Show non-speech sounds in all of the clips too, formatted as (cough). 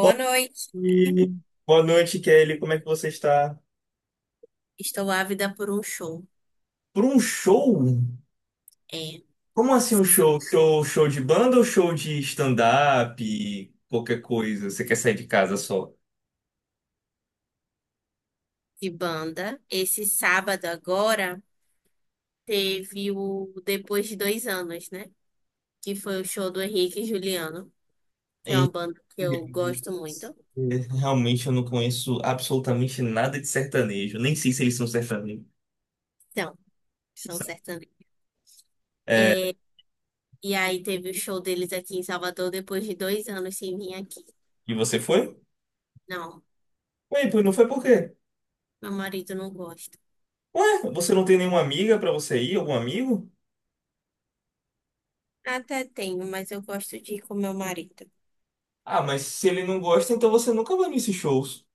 Bom noite. dia. Boa noite, Kelly. Como é que você está? Estou ávida por um show. Por um show? É, Como assim um show? Show de banda ou show de stand-up? Qualquer coisa. Você quer sair de casa só? de banda. Esse sábado agora teve o Depois de Dois Anos, né? Que foi o show do Henrique e Juliano, que é Hein? uma banda que eu gosto muito. Realmente eu não conheço absolutamente nada de sertanejo. Nem sei se eles são sertanejos. Então, são sertanejos. É. É, e aí teve o show deles aqui em Salvador depois de 2 anos sem vir aqui. E você foi? Não, Ué, pois não foi por quê? meu marido não gosta. Ué, você não tem nenhuma amiga pra você ir? Algum amigo? Até tenho, mas eu gosto de ir com meu marido. Ah, mas se ele não gosta, então você nunca vai nesses shows.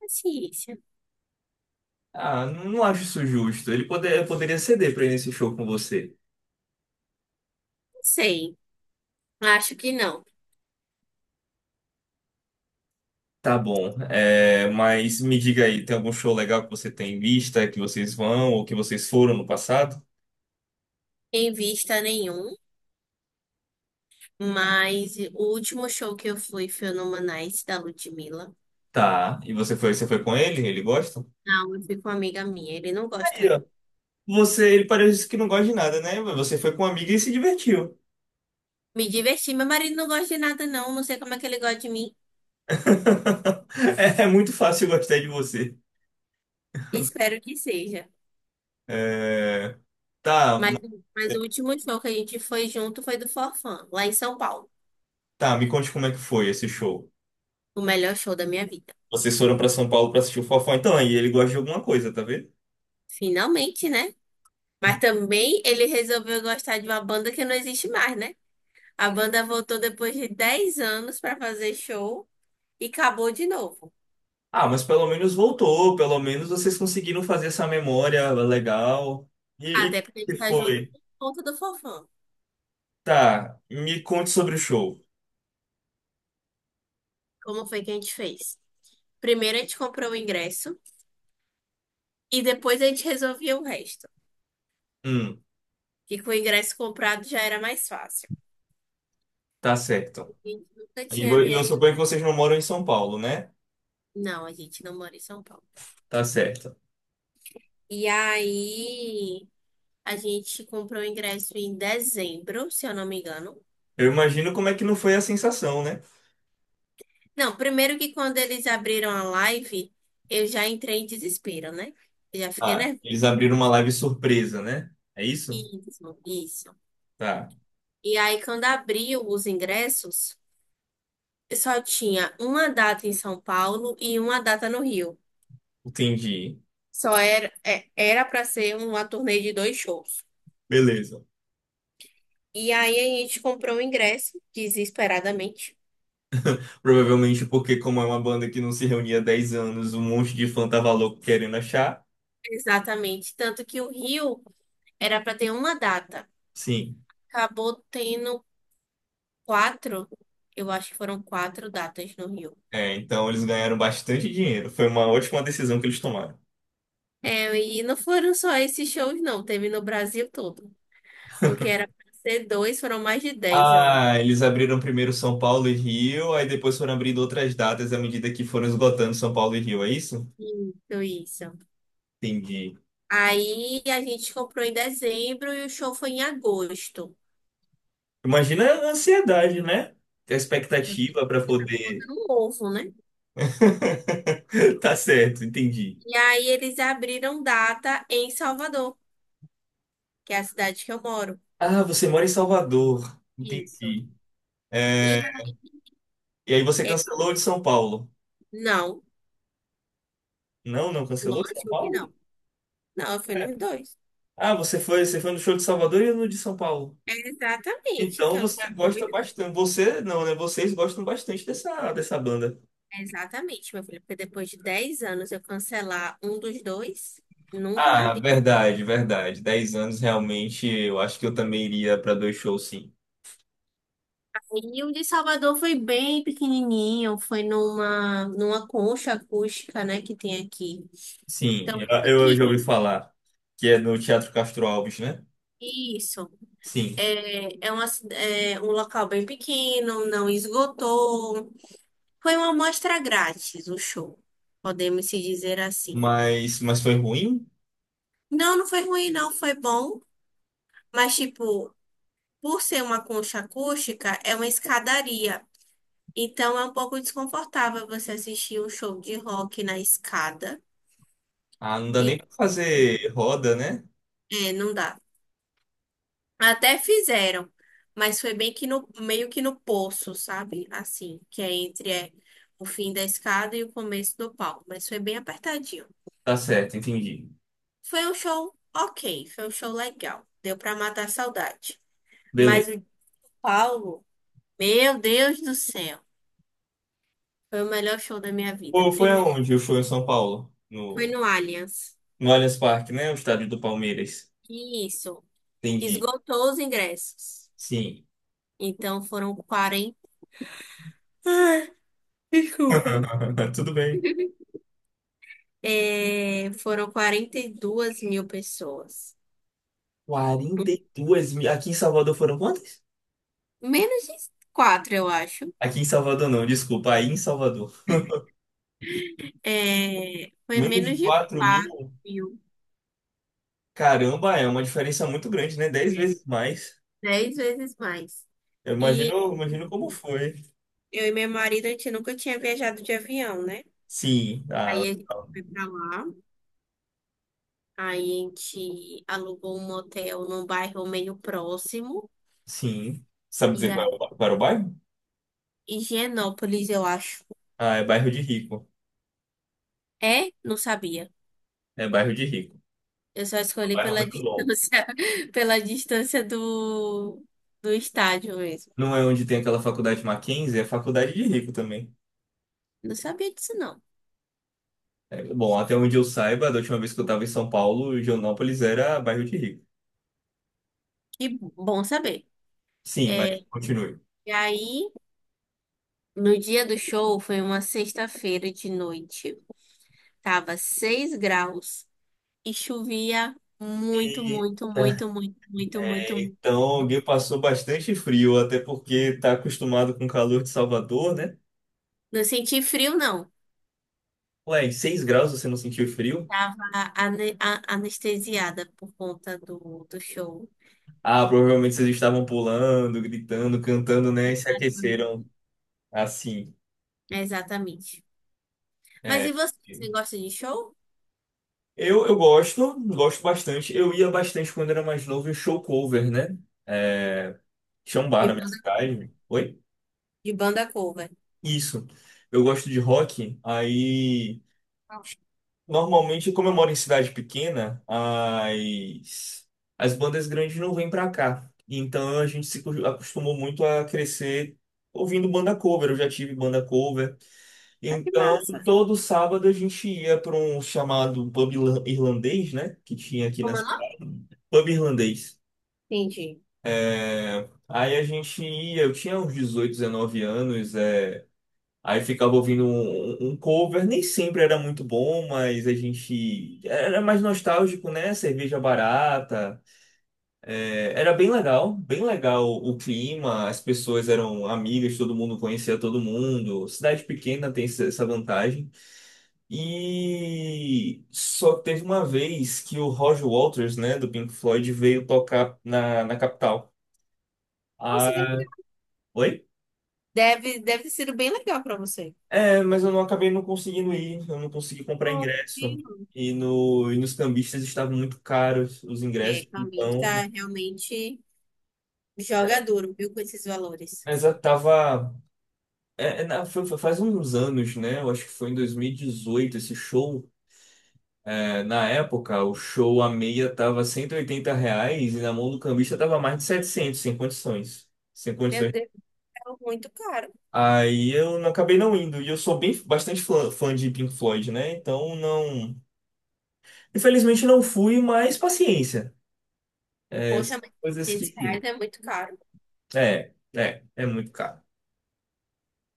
Paciência. Ah, não acho isso justo. Ele poderia ceder pra ir nesse show com você. Não sei. Acho que não. Tá bom, é, mas me diga aí, tem algum show legal que você tem em vista, que vocês vão ou que vocês foram no passado? Em vista nenhum. Mas o último show que eu fui foi no Manais, da Ludmilla. Tá, e você foi com ele? Ele gosta? Não, eu fui com uma amiga minha. Ele não gosta, Aí, ó, não. Ele parece que não gosta de nada, né? Mas você foi com uma amiga e se divertiu. Me diverti. Meu marido não gosta de nada, não. Não sei como é que ele gosta de mim. (laughs) É, é muito fácil gostar de você. Espero que seja. É, tá, Mas, ma- mas o último show que a gente foi junto foi do Forfã, lá em São Paulo. tá, me conte como é que foi esse show. O melhor show da minha vida. Vocês foram pra São Paulo pra assistir o Fofão, então aí ele gosta de alguma coisa, tá vendo? Finalmente, né? Mas também ele resolveu gostar de uma banda que não existe mais, né? A banda voltou depois de 10 anos pra fazer show e acabou de novo. Ah, mas pelo menos voltou, pelo menos vocês conseguiram fazer essa memória legal. E Até como porque a que gente tá junto foi? por conta do Forfã. Tá, me conte sobre o show. Como foi que a gente fez? Primeiro a gente comprou o ingresso e depois a gente resolvia o resto. Hum, Que com o ingresso comprado já era mais fácil. tá certo. A gente nunca E tinha vo- eu viajado. suponho que vocês não moram em São Paulo, né? Não, a gente não mora em São Paulo. Tá certo. E aí a gente comprou o ingresso em dezembro, se eu não me engano. Eu imagino como é que não foi a sensação, né? Não, primeiro que quando eles abriram a live, eu já entrei em desespero, né? Eu já fiquei Ah, nervosa. eles abriram uma live surpresa, né? É isso? Isso, isso. Tá, E aí quando abriu os ingressos, só tinha uma data em São Paulo e uma data no Rio. entendi. Só era era para ser uma turnê de dois shows. Beleza. E aí a gente comprou o ingresso desesperadamente. Provavelmente porque, como é uma banda que não se reunia há 10 anos, um monte de fã tava louco querendo achar. Exatamente, tanto que o Rio era para ter uma data. Sim. Acabou tendo quatro. Eu acho que foram quatro datas no Rio. É, então eles ganharam bastante dinheiro. Foi uma ótima decisão que eles tomaram. É, e não foram só esses shows, não. Teve no Brasil todo. O que era para ser dois, foram mais de 10, eu acho. Ah, eles abriram primeiro São Paulo e Rio, aí depois foram abrindo outras datas à medida que foram esgotando São Paulo e Rio, é isso? Isso, isso. Entendi. Aí a gente comprou em dezembro e o show foi em agosto. Imagina a ansiedade, né? A Eu, tô- expectativa para eu tava botando poder. um ovo, né? (laughs) Tá certo, entendi. E aí eles abriram data em Salvador, que é a cidade que eu moro. Ah, você mora em Salvador. Isso. Entendi. E É, aí, e aí você é, cancelou de São Paulo? não, Não, não cancelou de São lógico que Paulo? não. Não, eu fui É. nos dois. Ah, você foi no show de Salvador e no de São Paulo. É, exatamente, que Então eu não você sou gosta doida. bastante. Você não, né? Vocês gostam bastante dessa banda. É, exatamente, meu filho, porque depois de 10 anos eu cancelar um dos dois, nunca na... Ah, verdade, verdade. 10 anos realmente, eu acho que eu também iria para dois shows, sim. E o de Salvador foi bem pequenininho, foi numa concha acústica, né, que tem aqui. Sim, Então, eu, o eu já que ouvi falar que é no Teatro Castro Alves, né? isso Sim. é, é um local bem pequeno, não esgotou. Foi uma amostra grátis o show, podemos se dizer assim. Mas foi ruim? Não, não foi ruim, não, foi bom, mas tipo, por ser uma concha acústica, é uma escadaria. Então é um pouco desconfortável você assistir um show de rock na escada. Ah, não dá E nem pra fazer roda, né? é, não dá. Até fizeram, mas foi bem que no poço, sabe? Assim, que é entre o fim da escada e o começo do palco, mas foi bem apertadinho. Tá certo, entendi. Foi um show ok, foi um show legal, deu pra matar a saudade. Mas Beleza. o de Paulo, meu Deus do céu, foi o melhor show da minha vida. Pô, foi Primeiro aonde o show em São Paulo? foi No, no Allianz. no Allianz Parque, né? O estádio do Palmeiras. E isso, Entendi. esgotou os ingressos. Sim. Então foram 40. Ah, desculpa. (laughs) Tudo bem. É, foram 42 mil pessoas. 42 mil. Aqui em Salvador foram quantas? Menos de 4 eu acho. Aqui em Salvador não, desculpa, aí em Salvador. É, foi Menos menos de de 4 quatro mil. mil. Caramba, é uma diferença muito grande, né? dez É, vezes mais. 10 vezes mais. Eu E imagino, imagino como foi. eu e meu marido, a gente nunca tinha viajado de avião, né? Sim, ah, Aí a gente foi pra lá. Aí a gente alugou um motel num bairro meio próximo. sim. Sabe E dizer aí, qual era o bairro? Higienópolis, eu acho. Ah, é bairro de rico. É? Não sabia. É bairro de rico. Eu só É um escolhi bairro pela (laughs) muito longo. distância, pela distância do estádio mesmo. Não é onde tem aquela faculdade Mackenzie, é faculdade de rico também. Não sabia disso, não. É, bom, até onde eu saiba, da última vez que eu estava em São Paulo, Joanópolis era bairro de rico. Que bom saber. Sim, mas É, continue. e aí, no dia do show, foi uma sexta-feira de noite. Tava 6 graus e chovia muito, muito, Eita. muito, muito, muito, muito, É, muito. então, alguém passou bastante frio, até porque tá acostumado com o calor de Salvador, né? Não senti frio, não. Ué, em 6 graus você não sentiu frio? Tava anestesiada por conta do show. Ah, provavelmente vocês estavam pulando, gritando, cantando, né? E se Exatamente. aqueceram assim. Exatamente. Mas É. e você? Você gosta de show? Eu gosto, gosto bastante. Eu ia bastante quando era mais novo em show cover, né? É, tinha um bar na minha cidade. Oi? De banda cover. Isso. Eu gosto de rock, aí Ah, normalmente, como eu moro em cidade pequena, as bandas grandes não vêm pra cá. Então a gente se acostumou muito a crescer ouvindo banda cover. Eu já tive banda cover. que Então massa. todo sábado a gente ia para um chamado pub irlandês, né? Que tinha aqui na Como é o nome? cidade. Pub irlandês. Entendi. É, aí a gente ia, eu tinha uns 18 19 anos. É, aí ficava ouvindo um cover, nem sempre era muito bom, mas a gente era mais nostálgico, né? Cerveja barata. É, era bem legal o clima, as pessoas eram amigas, todo mundo conhecia todo mundo. Cidade pequena tem essa vantagem. E só que teve uma vez que o Roger Waters, né, do Pink Floyd, veio tocar na capital. Nossa, que Ah, legal. oi? Deve ter sido bem legal pra você. É, mas eu não acabei não conseguindo ir, eu não consegui comprar Oh, que ingresso. lindo. E, no, e nos cambistas estavam muito caros os É, ingressos, Camille tá então. realmente joga duro, viu, com esses valores. Mas eu tava. É, é, na- foi- foi faz uns anos, né? Eu acho que foi em 2018 esse show. É, na época, o show a meia tava R$ 180 e na mão do cambista tava mais de 700 sem condições. Sem Meu condições. Deus, é muito caro. Aí eu não acabei não indo. E eu sou bem bastante fã de Pink Floyd, né? Então não. Infelizmente não fui, mas paciência. É, Poxa, são mas coisas 500 que. reais é muito caro. É, é muito caro.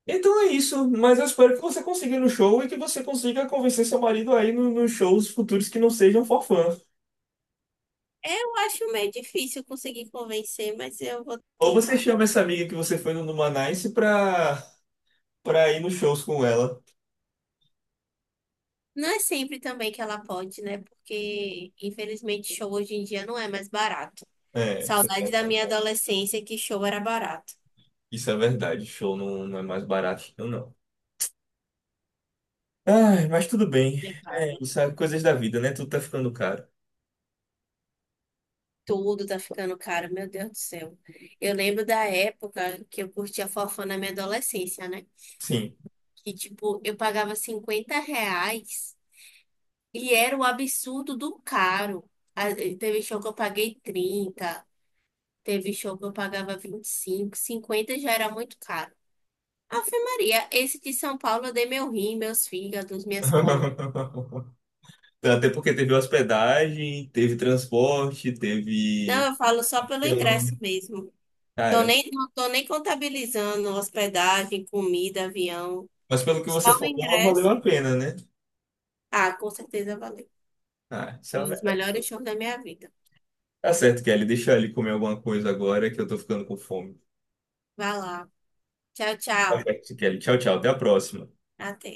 Então é isso, mas eu espero que você consiga ir no show e que você consiga convencer seu marido aí nos shows futuros que não sejam forfã. Eu acho meio difícil conseguir convencer, mas eu vou Ou você tentar. chama essa amiga que você foi no Numanice pra ir nos shows com ela. Não é sempre também que ela pode, né? Porque, infelizmente, show hoje em dia não é mais barato. É, isso é Saudade da verdade. minha adolescência que show era barato. Isso é verdade. Show não, não é mais barato, não, não. Ai, mas tudo bem. É É, caro. isso é coisas da vida, né? Tudo tá ficando caro. Tudo tá ficando caro, meu Deus do céu. Eu lembro da época que eu curtia forró na minha adolescência, né? Sim. Que, tipo, eu pagava R$ 50 e era o absurdo do caro. Ah, teve show que eu paguei 30, teve show que eu pagava 25, 50 já era muito caro. Ave Maria, esse de São Paulo eu dei meu rim, meus fígados, minhas costas. (laughs) Até porque teve hospedagem, teve transporte, Não, teve. eu falo só pelo Eu, ingresso mesmo. Tô cara, nem, não tô nem contabilizando hospedagem, comida, avião. mas pelo que Só você o falou, não valeu ingresso. a pena, né? Ah, com certeza valeu. Ah, Fiz os melhores shows da minha vida. tá certo, Kelly. Deixa ele comer alguma coisa agora que eu tô ficando com fome. Vai lá. Tchau, Tá tchau. certo, Kelly. Tchau, tchau. Até a próxima. Até.